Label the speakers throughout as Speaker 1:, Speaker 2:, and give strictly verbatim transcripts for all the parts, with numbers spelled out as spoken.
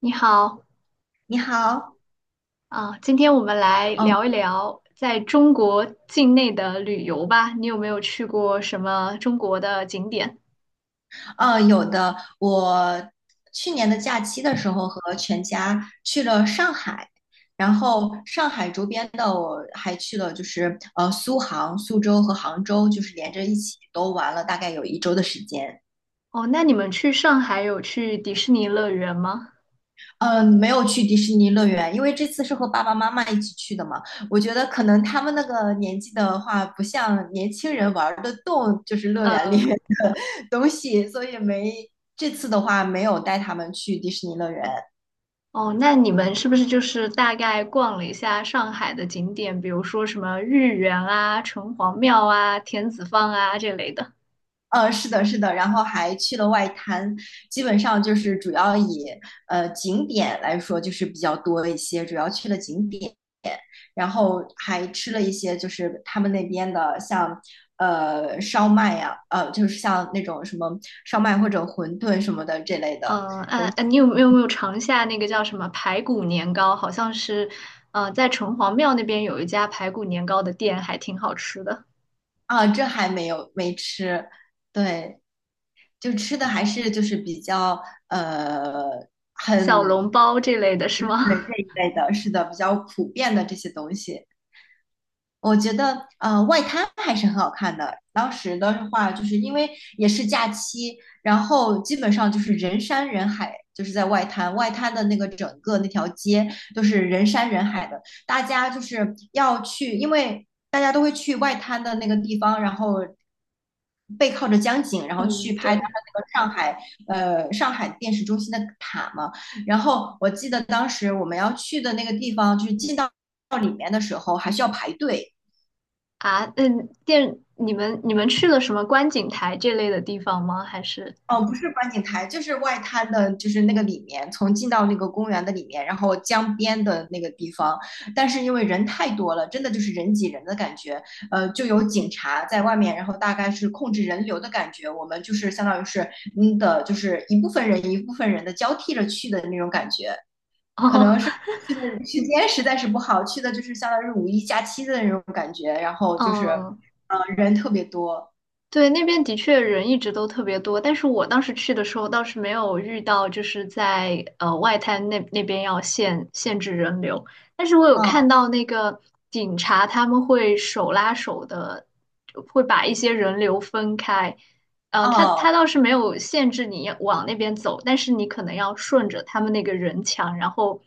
Speaker 1: 你好，
Speaker 2: 你好，
Speaker 1: 啊，今天我们来
Speaker 2: 嗯，
Speaker 1: 聊一聊在中国境内的旅游吧。你有没有去过什么中国的景点？
Speaker 2: 呃，有的。我去年的假期的时候和全家去了上海，然后上海周边的我还去了，就是呃苏杭、苏州和杭州，就是连着一起都玩了，大概有一周的时间。
Speaker 1: 哦，那你们去上海有去迪士尼乐园吗？
Speaker 2: 嗯，没有去迪士尼乐园，因为这次是和爸爸妈妈一起去的嘛。我觉得可能他们那个年纪的话，不像年轻人玩儿得动，就是乐园里。
Speaker 1: 呃，
Speaker 2: 东西，所以没这次的话没有带他们去迪士尼乐园。
Speaker 1: 哦，那你们是不是就是大概逛了一下上海的景点，比如说什么豫园啊、城隍庙啊、田子坊啊这类的？
Speaker 2: 呃，是的，是的，然后还去了外滩，基本上就是主要以呃景点来说就是比较多一些，主要去了景点，然后还吃了一些就是他们那边的像呃烧麦呀、呃就是像那种什么烧麦或者馄饨什么的这类的
Speaker 1: 嗯，
Speaker 2: 东
Speaker 1: 哎、哎，
Speaker 2: 西
Speaker 1: 你有没有没有尝一下那个叫什么排骨年糕？好像是，呃，在城隍庙那边有一家排骨年糕的店，还挺好吃的，
Speaker 2: 啊，这还没有没吃，对。就吃的还是就是比较呃
Speaker 1: 小
Speaker 2: 很
Speaker 1: 笼包这类的是吗？
Speaker 2: 对这一 类的，是的，比较普遍的这些东西。我觉得呃，外滩还是很好看的。当时的话，就是因为也是假期，然后基本上就是人山人海，就是在外滩，外滩的那个整个那条街都是人山人海的，大家就是要去，因为大家都会去外滩的那个地方，然后背靠着江景，然后去
Speaker 1: 嗯，
Speaker 2: 拍它
Speaker 1: 对
Speaker 2: 那个上海呃上海电视中心的塔嘛。然后我记得当时我们要去的那个地方，就是进到。到里面的时候还需要排队。
Speaker 1: 啊，那店你们你们去了什么观景台这类的地方吗？还是
Speaker 2: 哦，不是观景台，就是外滩的，就是那个里面，从进到那个公园的里面，然后江边的那个地方。但是因为人太多了，真的就是人挤人的感觉，呃，就有警察在外面，然后大概是控制人流的感觉。我们就是相当于是嗯的，就是一部分人一部分人的交替着去的那种感觉，可
Speaker 1: 哦，
Speaker 2: 能是。去的时间实在是不好，去的就是相当于是五一假期的那种感觉，然后就是，
Speaker 1: 嗯，
Speaker 2: 呃，人特别多。
Speaker 1: 对，那边的确人一直都特别多，但是我当时去的时候倒是没有遇到，就是在呃外滩那那边要限限制人流，但是我有看
Speaker 2: 哦
Speaker 1: 到那个警察他们会手拉手的，会把一些人流分开。呃，他
Speaker 2: 哦，
Speaker 1: 他倒是没有限制你往那边走，但是你可能要顺着他们那个人墙，然后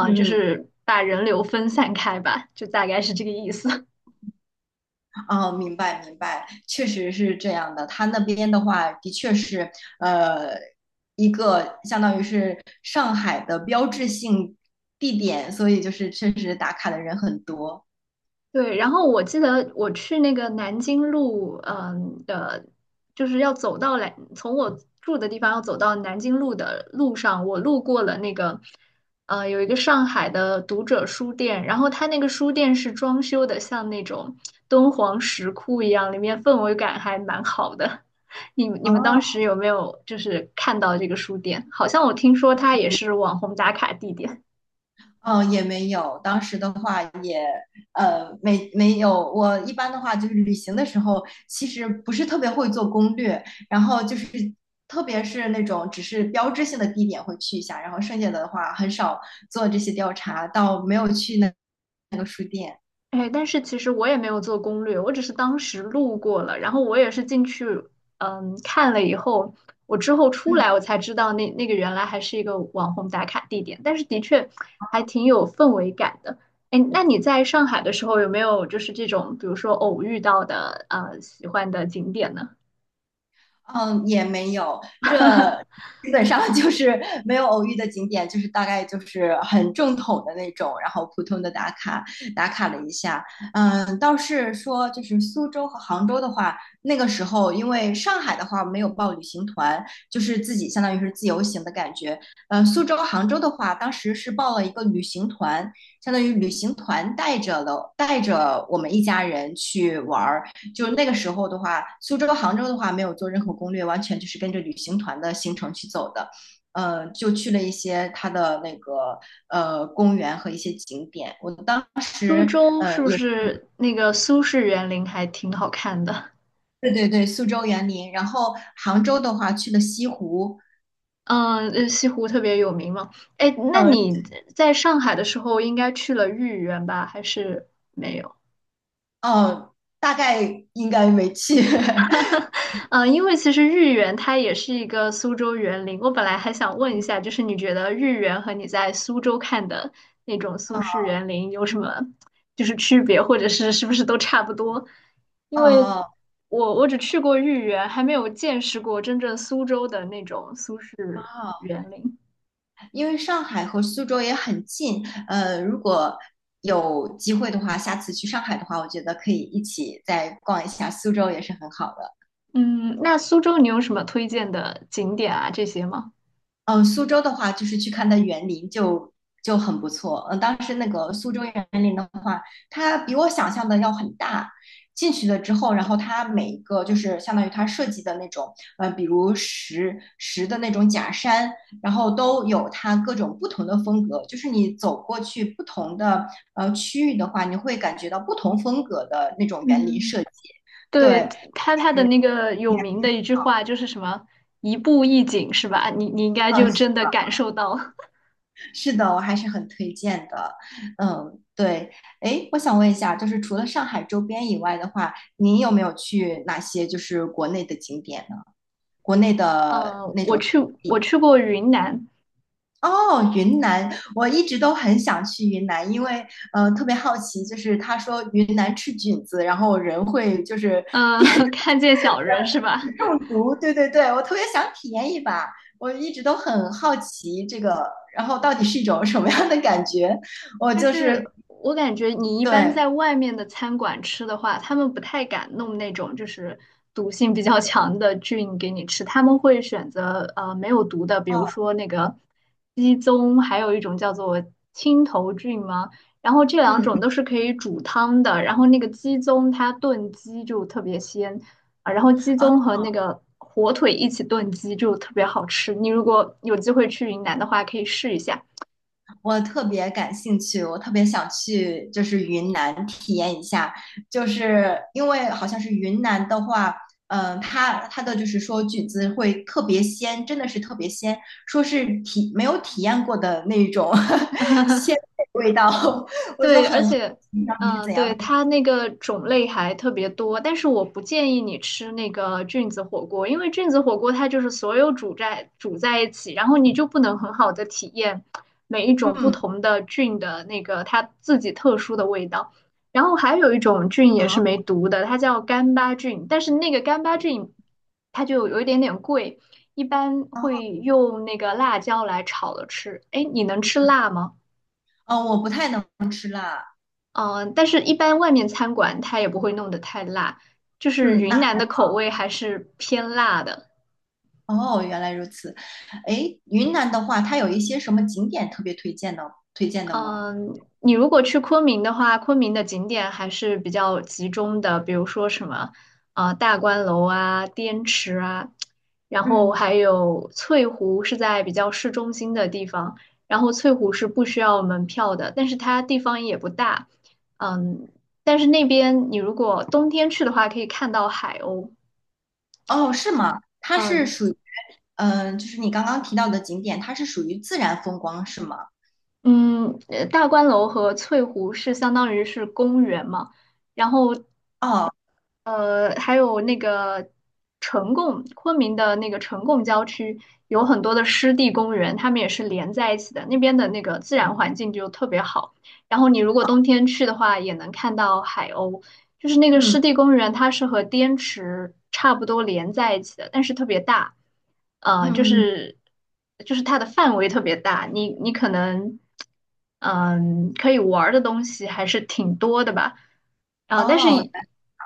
Speaker 2: 嗯
Speaker 1: 就
Speaker 2: 嗯。
Speaker 1: 是把人流分散开吧，就大概是这个意思。
Speaker 2: 哦，明白明白，确实是这样的。他那边的话，的确是呃一个相当于是上海的标志性地点，所以就是确实打卡的人很多。
Speaker 1: 对，然后我记得我去那个南京路，嗯的，就是要走到来，从我住的地方要走到南京路的路上，我路过了那个，呃，有一个上海的读者书店，然后它那个书店是装修的像那种敦煌石窟一样，里面氛围感还蛮好的。你你
Speaker 2: 哦，
Speaker 1: 们当时有没有就是看到这个书店？好像我听说它也是网红打卡地点。
Speaker 2: 嗯，也没有。当时的话也，呃，没没有。我一般的话就是旅行的时候，其实不是特别会做攻略，然后就是特别是那种只是标志性的地点会去一下，然后剩下的话很少做这些调查，到没有去那那个书店。
Speaker 1: 哎，但是其实我也没有做攻略，我只是当时路过了，然后我也是进去，嗯，看了以后，我之后出
Speaker 2: 嗯。
Speaker 1: 来我才知道那那个原来还是一个网红打卡地点，但是的确还挺有氛围感的。哎，那你在上海的时候有没有就是这种，比如说偶遇到的呃喜欢的景点呢？
Speaker 2: 嗯，也没有，这基本上 就是没有偶遇的景点，就是大概就是很正统的那种，然后普通的打卡打卡了一下。嗯，倒是说就是苏州和杭州的话，那个时候因为上海的话没有报旅行团，就是自己相当于是自由行的感觉。呃，苏州、杭州的话，当时是报了一个旅行团，相当于旅行团带着了带着我们一家人去玩儿。就那个时候的话，苏州、杭州的话没有做任何攻略，完全就是跟着旅行团的行程去走的。呃，就去了一些它的那个呃公园和一些景点。我当
Speaker 1: 苏
Speaker 2: 时
Speaker 1: 州是
Speaker 2: 呃
Speaker 1: 不
Speaker 2: 也
Speaker 1: 是那个苏式园林还挺好看的？
Speaker 2: 对对对，苏州园林，然后杭州的话去了西湖。
Speaker 1: 嗯，呃西湖特别有名嘛。哎，那
Speaker 2: 嗯、
Speaker 1: 你在上海的时候应该去了豫园吧？还是，
Speaker 2: 呃、哦，大概应该没去。
Speaker 1: 嗯，因为其实豫园它也是一个苏州园林。我本来还想问一下，就是你觉得豫园和你在苏州看的那种苏
Speaker 2: 嗯。
Speaker 1: 式园林有什么就是区别，或者是是不是都差不多？因为
Speaker 2: 哦
Speaker 1: 我我只去过豫园，还没有见识过真正苏州的那种苏式
Speaker 2: 哦，
Speaker 1: 园林。
Speaker 2: 因为上海和苏州也很近，呃，如果有机会的话，下次去上海的话，我觉得可以一起再逛一下苏州，也是很好的。
Speaker 1: 嗯，那苏州你有什么推荐的景点啊？这些吗？
Speaker 2: 嗯，苏州的话，就是去看它园林就就很不错。嗯，当时那个苏州园林的话，它比我想象的要很大。进去了之后，然后它每一个就是相当于它设计的那种，呃，比如石石的那种假山，然后都有它各种不同的风格。就是你走过去不同的呃区域的话，你会感觉到不同风格的那种园林设
Speaker 1: 嗯，
Speaker 2: 计。对，
Speaker 1: 对，他他的
Speaker 2: 是
Speaker 1: 那个有名的一句话就是什么"一步一景"是吧？你你应该
Speaker 2: 嗯，
Speaker 1: 就真的感受到
Speaker 2: 是的，我还是很推荐的。嗯，对。哎，我想问一下，就是除了上海周边以外的话，您有没有去哪些就是国内的景点呢？国内
Speaker 1: 嗯。
Speaker 2: 的
Speaker 1: 嗯，我
Speaker 2: 那
Speaker 1: 我
Speaker 2: 种。
Speaker 1: 去我去过云南。
Speaker 2: 哦，云南，我一直都很想去云南，因为呃特别好奇，就是他说云南吃菌子，然后人会就是 变得
Speaker 1: 嗯 看见小人是吧？
Speaker 2: 中毒。对对对，我特别想体验一把，我一直都很好奇这个，然后到底是一种什么样的感觉？我
Speaker 1: 但
Speaker 2: 就
Speaker 1: 是
Speaker 2: 是
Speaker 1: 我感觉你一般
Speaker 2: 对。
Speaker 1: 在外面的餐馆吃的话，他们不太敢弄那种就是毒性比较 强的菌给你吃，他们会选择呃没有毒的，比如说那个鸡枞，还有一种叫做青头菌吗？然后这两
Speaker 2: 嗯。
Speaker 1: 种都是可以煮汤的，然后那个鸡枞它炖鸡就特别鲜啊，然后鸡
Speaker 2: 啊，
Speaker 1: 枞和那个火腿一起炖鸡就特别好吃，你如果有机会去云南的话，可以试一下。
Speaker 2: 我特别感兴趣，我特别想去，就是云南体验一下，就是因为好像是云南的话，嗯、它它的就是说菌子会特别鲜，真的是特别鲜，说是体没有体验过的那种 鲜的味道，我就
Speaker 1: 对，而
Speaker 2: 很好
Speaker 1: 且，
Speaker 2: 奇到底是
Speaker 1: 嗯、
Speaker 2: 怎样
Speaker 1: 对，
Speaker 2: 的。
Speaker 1: 它那个种类还特别多，但是我不建议你吃那个菌子火锅，因为菌子火锅它就是所有煮在煮在一起，然后你就不能很好的体验每一种不
Speaker 2: 嗯，
Speaker 1: 同的菌的那个它自己特殊的味道。然后还有一种菌也是
Speaker 2: 啊
Speaker 1: 没毒的，它叫干巴菌，但是那个干巴菌它就有一点点贵，一般
Speaker 2: 啊。
Speaker 1: 会用那个辣椒来炒了吃。哎，你能吃辣吗？
Speaker 2: 哦，我不太能吃辣。
Speaker 1: 嗯、但是一般外面餐馆它也不会弄得太辣，就是
Speaker 2: 嗯，
Speaker 1: 云
Speaker 2: 那。
Speaker 1: 南的口味还是偏辣的。
Speaker 2: 哦，原来如此。诶，云南的话，它有一些什么景点特别推荐的推荐的吗？
Speaker 1: 嗯、你如果去昆明的话，昆明的景点还是比较集中的，比如说什么啊、呃大观楼啊、滇池啊，然后
Speaker 2: 嗯。
Speaker 1: 还有翠湖是在比较市中心的地方，然后翠湖是不需要门票的，但是它地方也不大。嗯，但是那边你如果冬天去的话，可以看到海鸥。
Speaker 2: 哦，是吗？它是
Speaker 1: 嗯，
Speaker 2: 属于，嗯、就是你刚刚提到的景点，它是属于自然风光，是吗？
Speaker 1: 嗯，呃大观楼和翠湖是相当于是公园嘛，然后
Speaker 2: 哦，
Speaker 1: 呃，还有那个呈贡，昆明的那个呈贡郊区有很多的湿地公园，它们也是连在一起的，那边的那个自然环境就特别好。然后你如果冬天去的话，也能看到海鸥，就是那个
Speaker 2: 嗯
Speaker 1: 湿地公园，它是和滇池差不多连在一起的，但是特别大。呃，就
Speaker 2: 嗯，嗯。
Speaker 1: 是就是它的范围特别大，你你可能嗯可以玩儿的东西还是挺多的吧。啊、但是
Speaker 2: 哦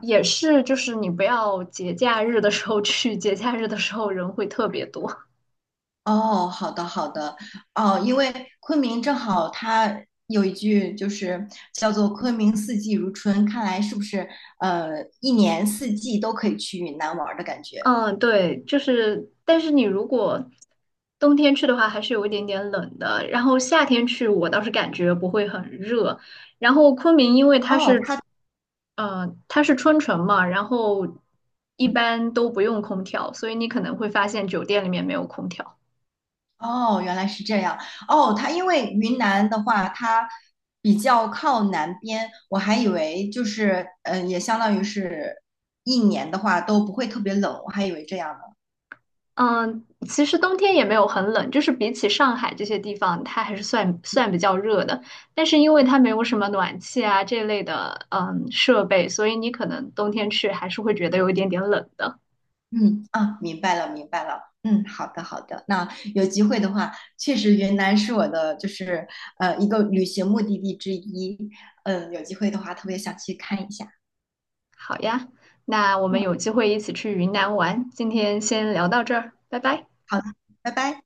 Speaker 1: 也是就是你不要节假日的时候去，节假日的时候人会特别多。
Speaker 2: 哦，好的好的。哦，因为昆明正好它有一句就是叫做“昆明四季如春”，看来是不是呃一年四季都可以去云南玩儿的感觉？
Speaker 1: 嗯，对，就是，但是你如果冬天去的话，还是有一点点冷的。然后夏天去，我倒是感觉不会很热。然后昆明，因为它
Speaker 2: 哦，
Speaker 1: 是，
Speaker 2: 它。
Speaker 1: 呃，它是春城嘛，然后一般都不用空调，所以你可能会发现酒店里面没有空调。
Speaker 2: 哦，原来是这样。哦，它因为云南的话，它比较靠南边，我还以为就是，嗯，也相当于是一年的话都不会特别冷，我还以为这样呢。
Speaker 1: 嗯，其实冬天也没有很冷，就是比起上海这些地方，它还是算算比较热的。但是因为它没有什么暖气啊这类的嗯设备，所以你可能冬天去还是会觉得有一点点冷的。
Speaker 2: 嗯，啊，明白了，明白了。嗯，好的，好的。那有机会的话，确实云南是我的就是呃一个旅行目的地之一。嗯，有机会的话，特别想去看一下。
Speaker 1: 好呀，那我们
Speaker 2: 嗯，
Speaker 1: 有机会一起去云南玩，今天先聊到这儿，拜拜。
Speaker 2: 好的，拜拜。